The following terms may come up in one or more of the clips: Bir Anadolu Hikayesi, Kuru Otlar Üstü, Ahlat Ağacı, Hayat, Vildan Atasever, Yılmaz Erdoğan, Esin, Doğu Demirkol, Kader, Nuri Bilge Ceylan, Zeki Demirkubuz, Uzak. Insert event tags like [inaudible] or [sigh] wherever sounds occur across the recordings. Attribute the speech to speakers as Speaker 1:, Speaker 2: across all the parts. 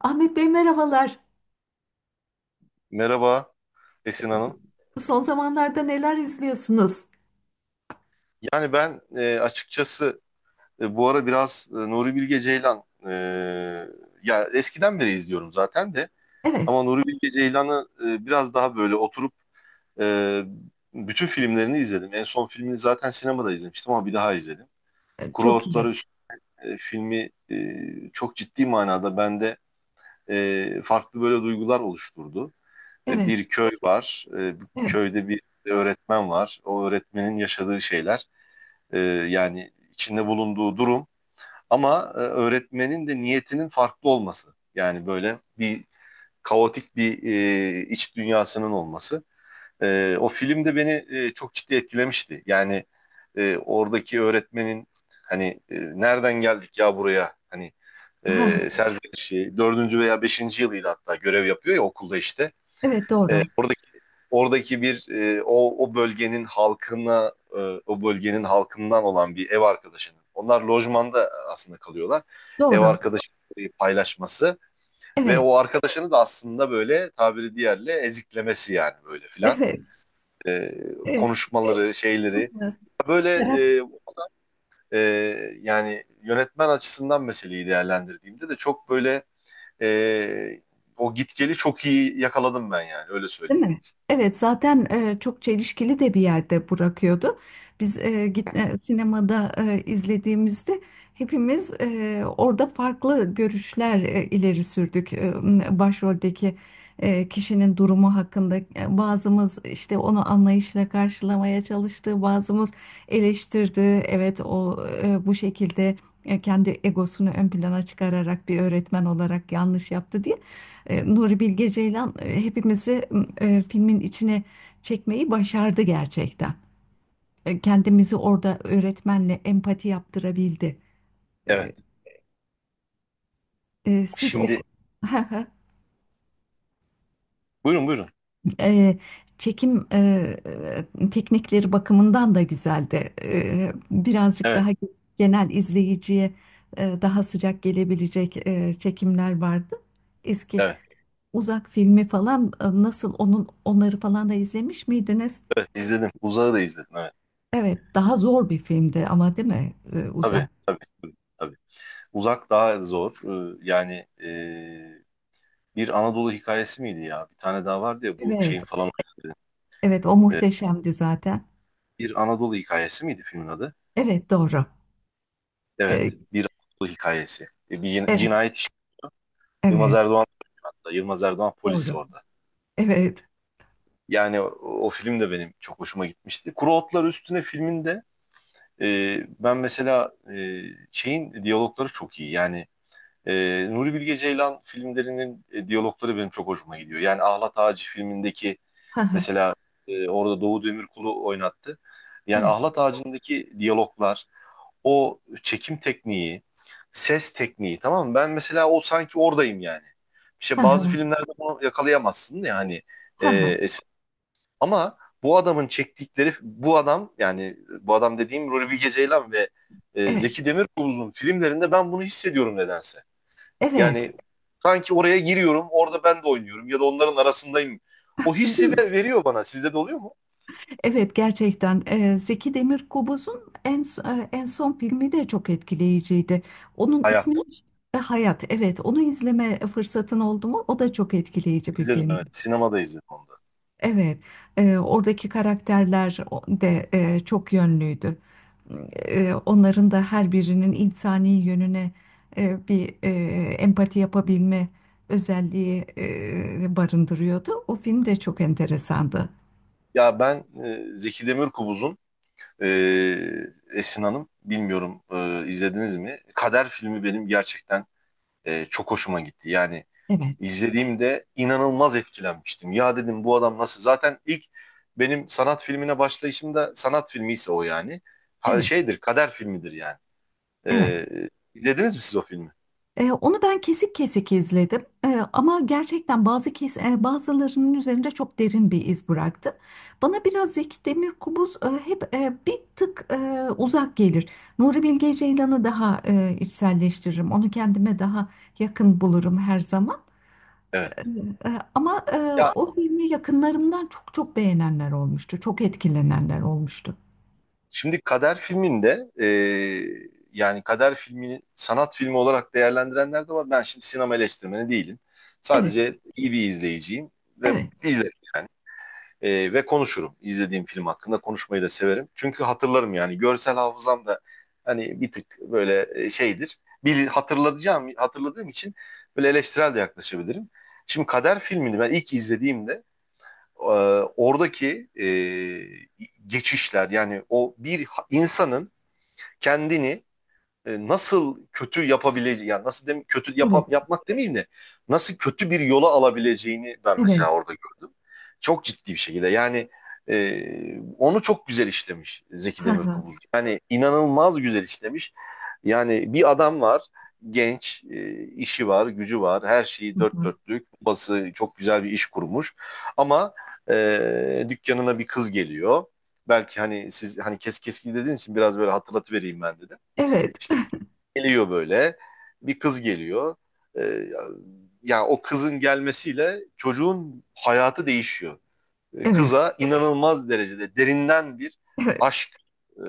Speaker 1: Ahmet Bey merhabalar.
Speaker 2: Merhaba Esin Hanım.
Speaker 1: Son zamanlarda neler izliyorsunuz?
Speaker 2: Yani ben, açıkçası, bu ara biraz Nuri Bilge Ceylan, ya eskiden beri izliyorum zaten de,
Speaker 1: Evet,
Speaker 2: ama Nuri Bilge Ceylan'ı biraz daha böyle oturup e, bütün filmlerini izledim. En son filmini zaten sinemada izlemiştim ama bir daha izledim. Kuru
Speaker 1: çok
Speaker 2: Otlar
Speaker 1: iyi.
Speaker 2: Üst filmi çok ciddi manada bende farklı böyle duygular oluşturdu.
Speaker 1: Evet,
Speaker 2: Bir köy var. Bu
Speaker 1: evet.
Speaker 2: köyde bir öğretmen var. O öğretmenin yaşadığı şeyler, e, yani içinde bulunduğu durum, ama öğretmenin de niyetinin farklı olması. Yani böyle bir kaotik bir iç dünyasının olması. O film de beni çok ciddi etkilemişti. Yani oradaki öğretmenin, hani, nereden geldik ya buraya, hani
Speaker 1: [laughs] Ha, ha.
Speaker 2: serzenişi dördüncü veya beşinci yılıydı, hatta görev yapıyor ya okulda işte,
Speaker 1: Evet, doğru.
Speaker 2: oradaki bir o bölgenin halkına, o bölgenin halkından olan bir ev arkadaşının, onlar lojmanda aslında kalıyorlar. Ev
Speaker 1: Doğru.
Speaker 2: arkadaşları paylaşması ve
Speaker 1: Evet,
Speaker 2: o arkadaşını da aslında böyle tabiri diğerle eziklemesi, yani böyle filan.
Speaker 1: evet,
Speaker 2: E,
Speaker 1: evet.
Speaker 2: konuşmaları, şeyleri, böyle, e, e, yani yönetmen açısından meseleyi değerlendirdiğimde de çok böyle, e, o gitgeli çok iyi yakaladım ben, yani öyle
Speaker 1: Değil
Speaker 2: söyleyeyim.
Speaker 1: mi? Evet zaten çok çelişkili de bir yerde bırakıyordu. Biz sinemada izlediğimizde hepimiz orada farklı görüşler ileri sürdük. Başroldeki kişinin durumu hakkında bazımız işte onu anlayışla karşılamaya çalıştı, bazımız eleştirdi. Evet o bu şekilde kendi egosunu ön plana çıkararak bir öğretmen olarak yanlış yaptı diye. Nuri Bilge Ceylan hepimizi filmin içine çekmeyi başardı gerçekten. Kendimizi orada öğretmenle empati yaptırabildi. E,
Speaker 2: Evet.
Speaker 1: siz o
Speaker 2: Şimdi
Speaker 1: [laughs]
Speaker 2: buyurun, buyurun.
Speaker 1: E, çekim teknikleri bakımından da güzeldi. Birazcık
Speaker 2: Evet.
Speaker 1: daha genel izleyiciye daha sıcak gelebilecek çekimler vardı. Eski
Speaker 2: Evet,
Speaker 1: uzak filmi falan nasıl onun onları falan da izlemiş miydiniz?
Speaker 2: evet, izledim. Uzağı da izledim. Evet.
Speaker 1: Evet, daha zor bir filmdi ama değil mi?
Speaker 2: Tabii,
Speaker 1: Uzak.
Speaker 2: tabii, tabii, tabii. Uzak daha zor. Yani bir Anadolu hikayesi miydi ya? Bir tane daha vardı ya bu
Speaker 1: Evet,
Speaker 2: şeyin falan.
Speaker 1: evet o muhteşemdi zaten.
Speaker 2: Bir Anadolu hikayesi miydi filmin adı?
Speaker 1: Evet, doğru.
Speaker 2: Evet,
Speaker 1: Ee,
Speaker 2: bir Anadolu hikayesi. Bir
Speaker 1: evet,
Speaker 2: cinayet işi. Yılmaz
Speaker 1: evet,
Speaker 2: Erdoğan hatta. Yılmaz Erdoğan polis
Speaker 1: doğru.
Speaker 2: orada.
Speaker 1: Evet.
Speaker 2: Yani o, o film de benim çok hoşuma gitmişti. Kuru Otlar Üstüne filminde ben mesela şeyin diyalogları çok iyi. Yani Nuri Bilge Ceylan filmlerinin diyalogları benim çok hoşuma gidiyor. Yani Ahlat Ağacı filmindeki
Speaker 1: Ha ha.
Speaker 2: mesela, orada Doğu Demirkol'u oynattı. Yani
Speaker 1: Evet.
Speaker 2: Ahlat Ağacı'ndaki diyaloglar, o çekim tekniği, ses tekniği, tamam mı? Ben mesela o sanki oradayım yani.
Speaker 1: Ha
Speaker 2: İşte bazı
Speaker 1: ha.
Speaker 2: filmlerde bunu yakalayamazsın yani.
Speaker 1: Ha ha.
Speaker 2: Ama bu adamın çektikleri, bu adam, yani bu adam dediğim Nuri Bilge Ceylan ve
Speaker 1: Evet.
Speaker 2: Zeki Demirkubuz'un filmlerinde ben bunu hissediyorum nedense.
Speaker 1: Evet.
Speaker 2: Yani sanki oraya giriyorum, orada ben de oynuyorum ya da onların arasındayım. O
Speaker 1: [laughs] Değil
Speaker 2: hissi
Speaker 1: mi?
Speaker 2: veriyor bana. Sizde de oluyor mu?
Speaker 1: Evet, gerçekten Zeki Demirkubuz'un en son filmi de çok etkileyiciydi. Onun ismi
Speaker 2: Hayat.
Speaker 1: Hayat. Evet, onu izleme fırsatın oldu mu? O da çok etkileyici bir
Speaker 2: İzledim. Evet.
Speaker 1: film.
Speaker 2: Sinemada izledim onu da.
Speaker 1: Evet, oradaki karakterler de çok yönlüydü. Onların da her birinin insani yönüne bir empati yapabilme özelliği barındırıyordu. O film de çok enteresandı.
Speaker 2: Ya ben, Zeki Demirkubuz'un, e, Esin Hanım, bilmiyorum izlediniz mi? Kader filmi benim gerçekten çok hoşuma gitti. Yani
Speaker 1: Evet.
Speaker 2: izlediğimde inanılmaz etkilenmiştim. Ya dedim, bu adam nasıl? Zaten ilk, benim sanat filmine başlayışımda sanat filmi ise o, yani. Ha,
Speaker 1: Evet,
Speaker 2: şeydir, Kader filmidir yani.
Speaker 1: evet.
Speaker 2: Ee, izlediniz mi siz o filmi?
Speaker 1: Onu ben kesik kesik izledim. Ama gerçekten bazılarının üzerinde çok derin bir iz bıraktı. Bana biraz Zeki Demirkubuz hep bir tık uzak gelir. Nuri Bilge Ceylan'ı daha içselleştiririm. Onu kendime daha yakın bulurum her zaman. E,
Speaker 2: Evet.
Speaker 1: ama
Speaker 2: Ya
Speaker 1: o filmi yakınlarımdan çok çok beğenenler olmuştu. Çok etkilenenler olmuştu.
Speaker 2: şimdi Kader filminde, yani Kader filmini sanat filmi olarak değerlendirenler de var. Ben şimdi sinema eleştirmeni değilim.
Speaker 1: Evet,
Speaker 2: Sadece iyi bir izleyiciyim ve
Speaker 1: evet,
Speaker 2: izlerim yani. Ve konuşurum. İzlediğim film hakkında konuşmayı da severim. Çünkü hatırlarım yani. Görsel hafızam da hani bir tık böyle şeydir. Bil, hatırlayacağım, hatırladığım için böyle eleştirel de yaklaşabilirim. Şimdi Kader filmini ben ilk izlediğimde, e, oradaki geçişler, yani o bir insanın kendini nasıl kötü yapabileceği, yani nasıl dem kötü
Speaker 1: evet,
Speaker 2: yapmak demeyeyim de, nasıl kötü bir yola alabileceğini ben
Speaker 1: evet.
Speaker 2: mesela orada gördüm. Çok ciddi bir şekilde yani, e, onu çok güzel işlemiş Zeki
Speaker 1: Ha ha.
Speaker 2: Demirkubuz. Yani inanılmaz güzel işlemiş. Yani bir adam var, genç, işi var, gücü var, her şeyi
Speaker 1: Ha,
Speaker 2: dört
Speaker 1: ha.
Speaker 2: dörtlük, bası çok güzel bir iş kurmuş. Ama dükkanına bir kız geliyor. Belki hani siz hani kes keski dediğiniz için biraz böyle hatırlatıvereyim ben dedim.
Speaker 1: Evet,
Speaker 2: İşte geliyor böyle. Bir kız geliyor. Ee, ya ya o kızın gelmesiyle çocuğun hayatı değişiyor.
Speaker 1: evet,
Speaker 2: Kıza inanılmaz derecede derinden bir
Speaker 1: evet,
Speaker 2: aşk e,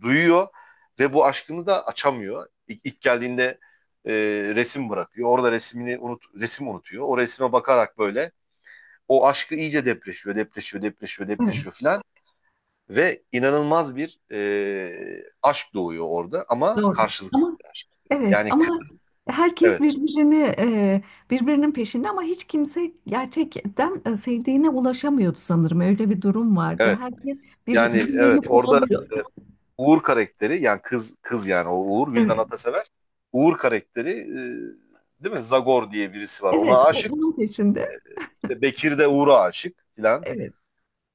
Speaker 2: duyuyor ve bu aşkını da açamıyor. İlk geldiğinde e, resim bırakıyor. Orada resmini resim unutuyor. O resme bakarak böyle o aşkı iyice depreşiyor, depreşiyor, depreşiyor,
Speaker 1: evet.
Speaker 2: depreşiyor filan. Ve inanılmaz bir aşk doğuyor orada ama
Speaker 1: Doğru.
Speaker 2: karşılıksız
Speaker 1: Ama,
Speaker 2: bir aşk.
Speaker 1: evet,
Speaker 2: Yani
Speaker 1: ama herkes
Speaker 2: evet,
Speaker 1: birbirini birbirinin peşinde ama hiç kimse gerçekten sevdiğine ulaşamıyordu sanırım. Öyle bir durum vardı.
Speaker 2: evet,
Speaker 1: Herkes
Speaker 2: yani evet,
Speaker 1: birbirlerini
Speaker 2: orada
Speaker 1: kovalıyor.
Speaker 2: e, Uğur karakteri, yani kız, yani o Uğur, Vildan
Speaker 1: Evet.
Speaker 2: Atasever, Uğur karakteri, değil mi? Zagor diye birisi var,
Speaker 1: Evet,
Speaker 2: ona
Speaker 1: o
Speaker 2: aşık.
Speaker 1: onun peşinde.
Speaker 2: İşte Bekir de Uğur'a aşık filan.
Speaker 1: Evet.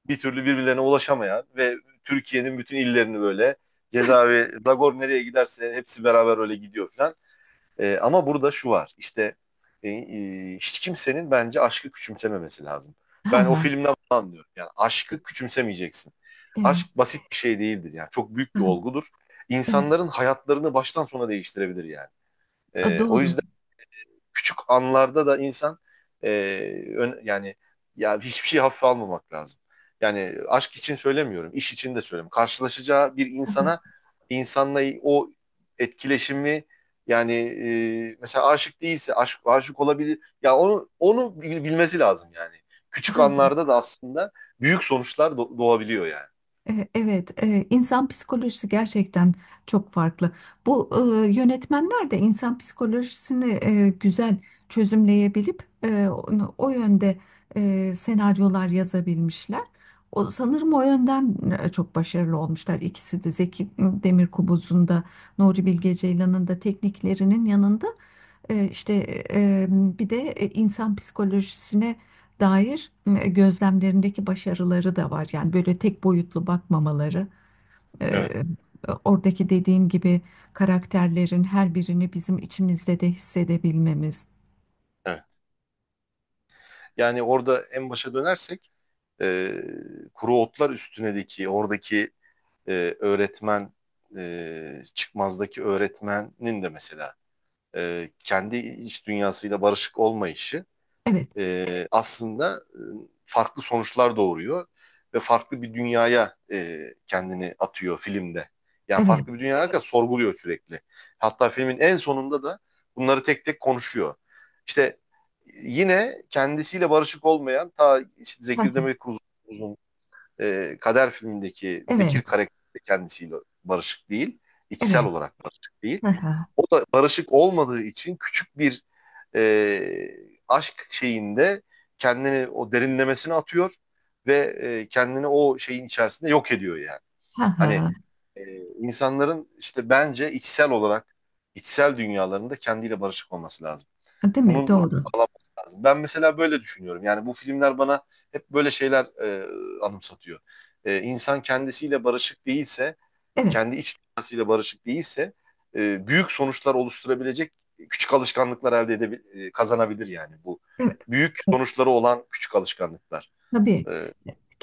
Speaker 2: Bir türlü birbirlerine ulaşamayan ve Türkiye'nin bütün illerini böyle, cezaevi, Zagor nereye giderse hepsi beraber öyle gidiyor filan. Ama burada şu var. İşte hiç kimsenin, bence, aşkı küçümsememesi lazım.
Speaker 1: Ha
Speaker 2: Ben o
Speaker 1: ha.
Speaker 2: filmden bunu anlıyorum. Yani aşkı küçümsemeyeceksin.
Speaker 1: Evet.
Speaker 2: Aşk basit bir şey değildir yani. Çok büyük
Speaker 1: Ha,
Speaker 2: bir
Speaker 1: ha.
Speaker 2: olgudur.
Speaker 1: Evet.
Speaker 2: İnsanların hayatlarını baştan sona değiştirebilir yani.
Speaker 1: A,
Speaker 2: O
Speaker 1: doğru.
Speaker 2: yüzden küçük anlarda da insan, e, ön- yani, ya hiçbir şey hafife almamak lazım. Yani aşk için söylemiyorum, iş için de söylemiyorum. Karşılaşacağı bir
Speaker 1: Ha,
Speaker 2: insana, insanla o etkileşimi, yani mesela aşık değilse, aşk aşık olabilir. Ya onu bilmesi lazım yani. Küçük
Speaker 1: ha.
Speaker 2: anlarda da aslında büyük sonuçlar doğabiliyor yani.
Speaker 1: Evet, insan psikolojisi gerçekten çok farklı. Bu yönetmenler de insan psikolojisini güzel çözümleyebilip o yönde senaryolar yazabilmişler. O, sanırım o yönden çok başarılı olmuşlar. İkisi de Zeki Demirkubuz'un da Nuri Bilge Ceylan'ın da tekniklerinin yanında işte bir de insan psikolojisine dair gözlemlerindeki başarıları da var. Yani böyle tek boyutlu bakmamaları, e,
Speaker 2: Evet,
Speaker 1: oradaki dediğin gibi karakterlerin her birini bizim içimizde de hissedebilmemiz.
Speaker 2: evet. Yani orada en başa dönersek, e, Kuru Otlar Üstüne'deki oradaki e, öğretmen, çıkmazdaki öğretmenin de mesela kendi iç dünyasıyla barışık olmayışı,
Speaker 1: Evet,
Speaker 2: aslında farklı sonuçlar doğuruyor ve farklı bir dünyaya kendini atıyor filmde. Yani
Speaker 1: evet,
Speaker 2: farklı bir dünyaya kadar sorguluyor sürekli. Hatta filmin en sonunda da bunları tek tek konuşuyor. İşte, yine kendisiyle barışık olmayan, ta işte
Speaker 1: ha
Speaker 2: Zeki
Speaker 1: ha,
Speaker 2: Demirkubuz'un Kader filmindeki Bekir
Speaker 1: evet,
Speaker 2: karakteri de kendisiyle barışık değil. İçsel
Speaker 1: evet,
Speaker 2: olarak barışık değil.
Speaker 1: ha ha,
Speaker 2: O da barışık olmadığı için küçük bir e, aşk şeyinde kendini o derinlemesine atıyor ve kendini o şeyin içerisinde yok ediyor yani.
Speaker 1: ha
Speaker 2: Hani
Speaker 1: ha.
Speaker 2: e, insanların, işte bence içsel olarak, içsel dünyalarında kendiyle barışık olması lazım.
Speaker 1: Değil mi?
Speaker 2: Bunun
Speaker 1: Doğru.
Speaker 2: lazım. Ben mesela böyle düşünüyorum. Yani bu filmler bana hep böyle şeyler anımsatıyor. E, insan kendisiyle barışık değilse,
Speaker 1: Evet,
Speaker 2: kendi iç dünyasıyla barışık değilse büyük sonuçlar oluşturabilecek küçük alışkanlıklar elde edebilir, kazanabilir yani bu.
Speaker 1: evet.
Speaker 2: Büyük sonuçları olan küçük alışkanlıklar.
Speaker 1: Tabii
Speaker 2: E,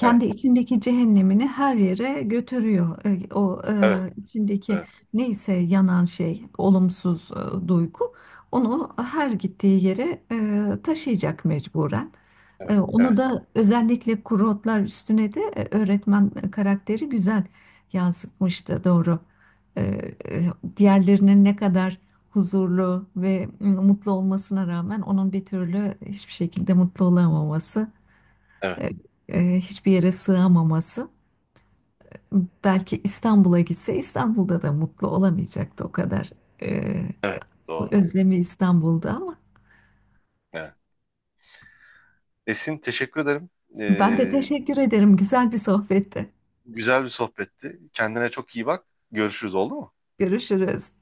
Speaker 2: evet,
Speaker 1: içindeki cehennemini her yere götürüyor. O
Speaker 2: evet,
Speaker 1: içindeki
Speaker 2: evet,
Speaker 1: neyse yanan şey, olumsuz duygu onu her gittiği yere taşıyacak mecburen.
Speaker 2: evet,
Speaker 1: Onu
Speaker 2: evet,
Speaker 1: da özellikle kuru otlar üstüne de öğretmen karakteri güzel yansıtmıştı doğru. E, e, diğerlerinin ne kadar huzurlu ve mutlu olmasına rağmen onun bir türlü hiçbir şekilde mutlu olamaması
Speaker 2: evet,
Speaker 1: e, hiçbir yere sığamaması. Belki İstanbul'a gitse İstanbul'da da mutlu olamayacaktı o kadar. E,
Speaker 2: evet, doğru.
Speaker 1: Özlemi İstanbul'da ama
Speaker 2: Evet. Esin, teşekkür ederim.
Speaker 1: ben de
Speaker 2: E,
Speaker 1: teşekkür ederim. Güzel bir sohbetti.
Speaker 2: güzel bir sohbetti. Kendine çok iyi bak. Görüşürüz, oldu mu?
Speaker 1: Görüşürüz.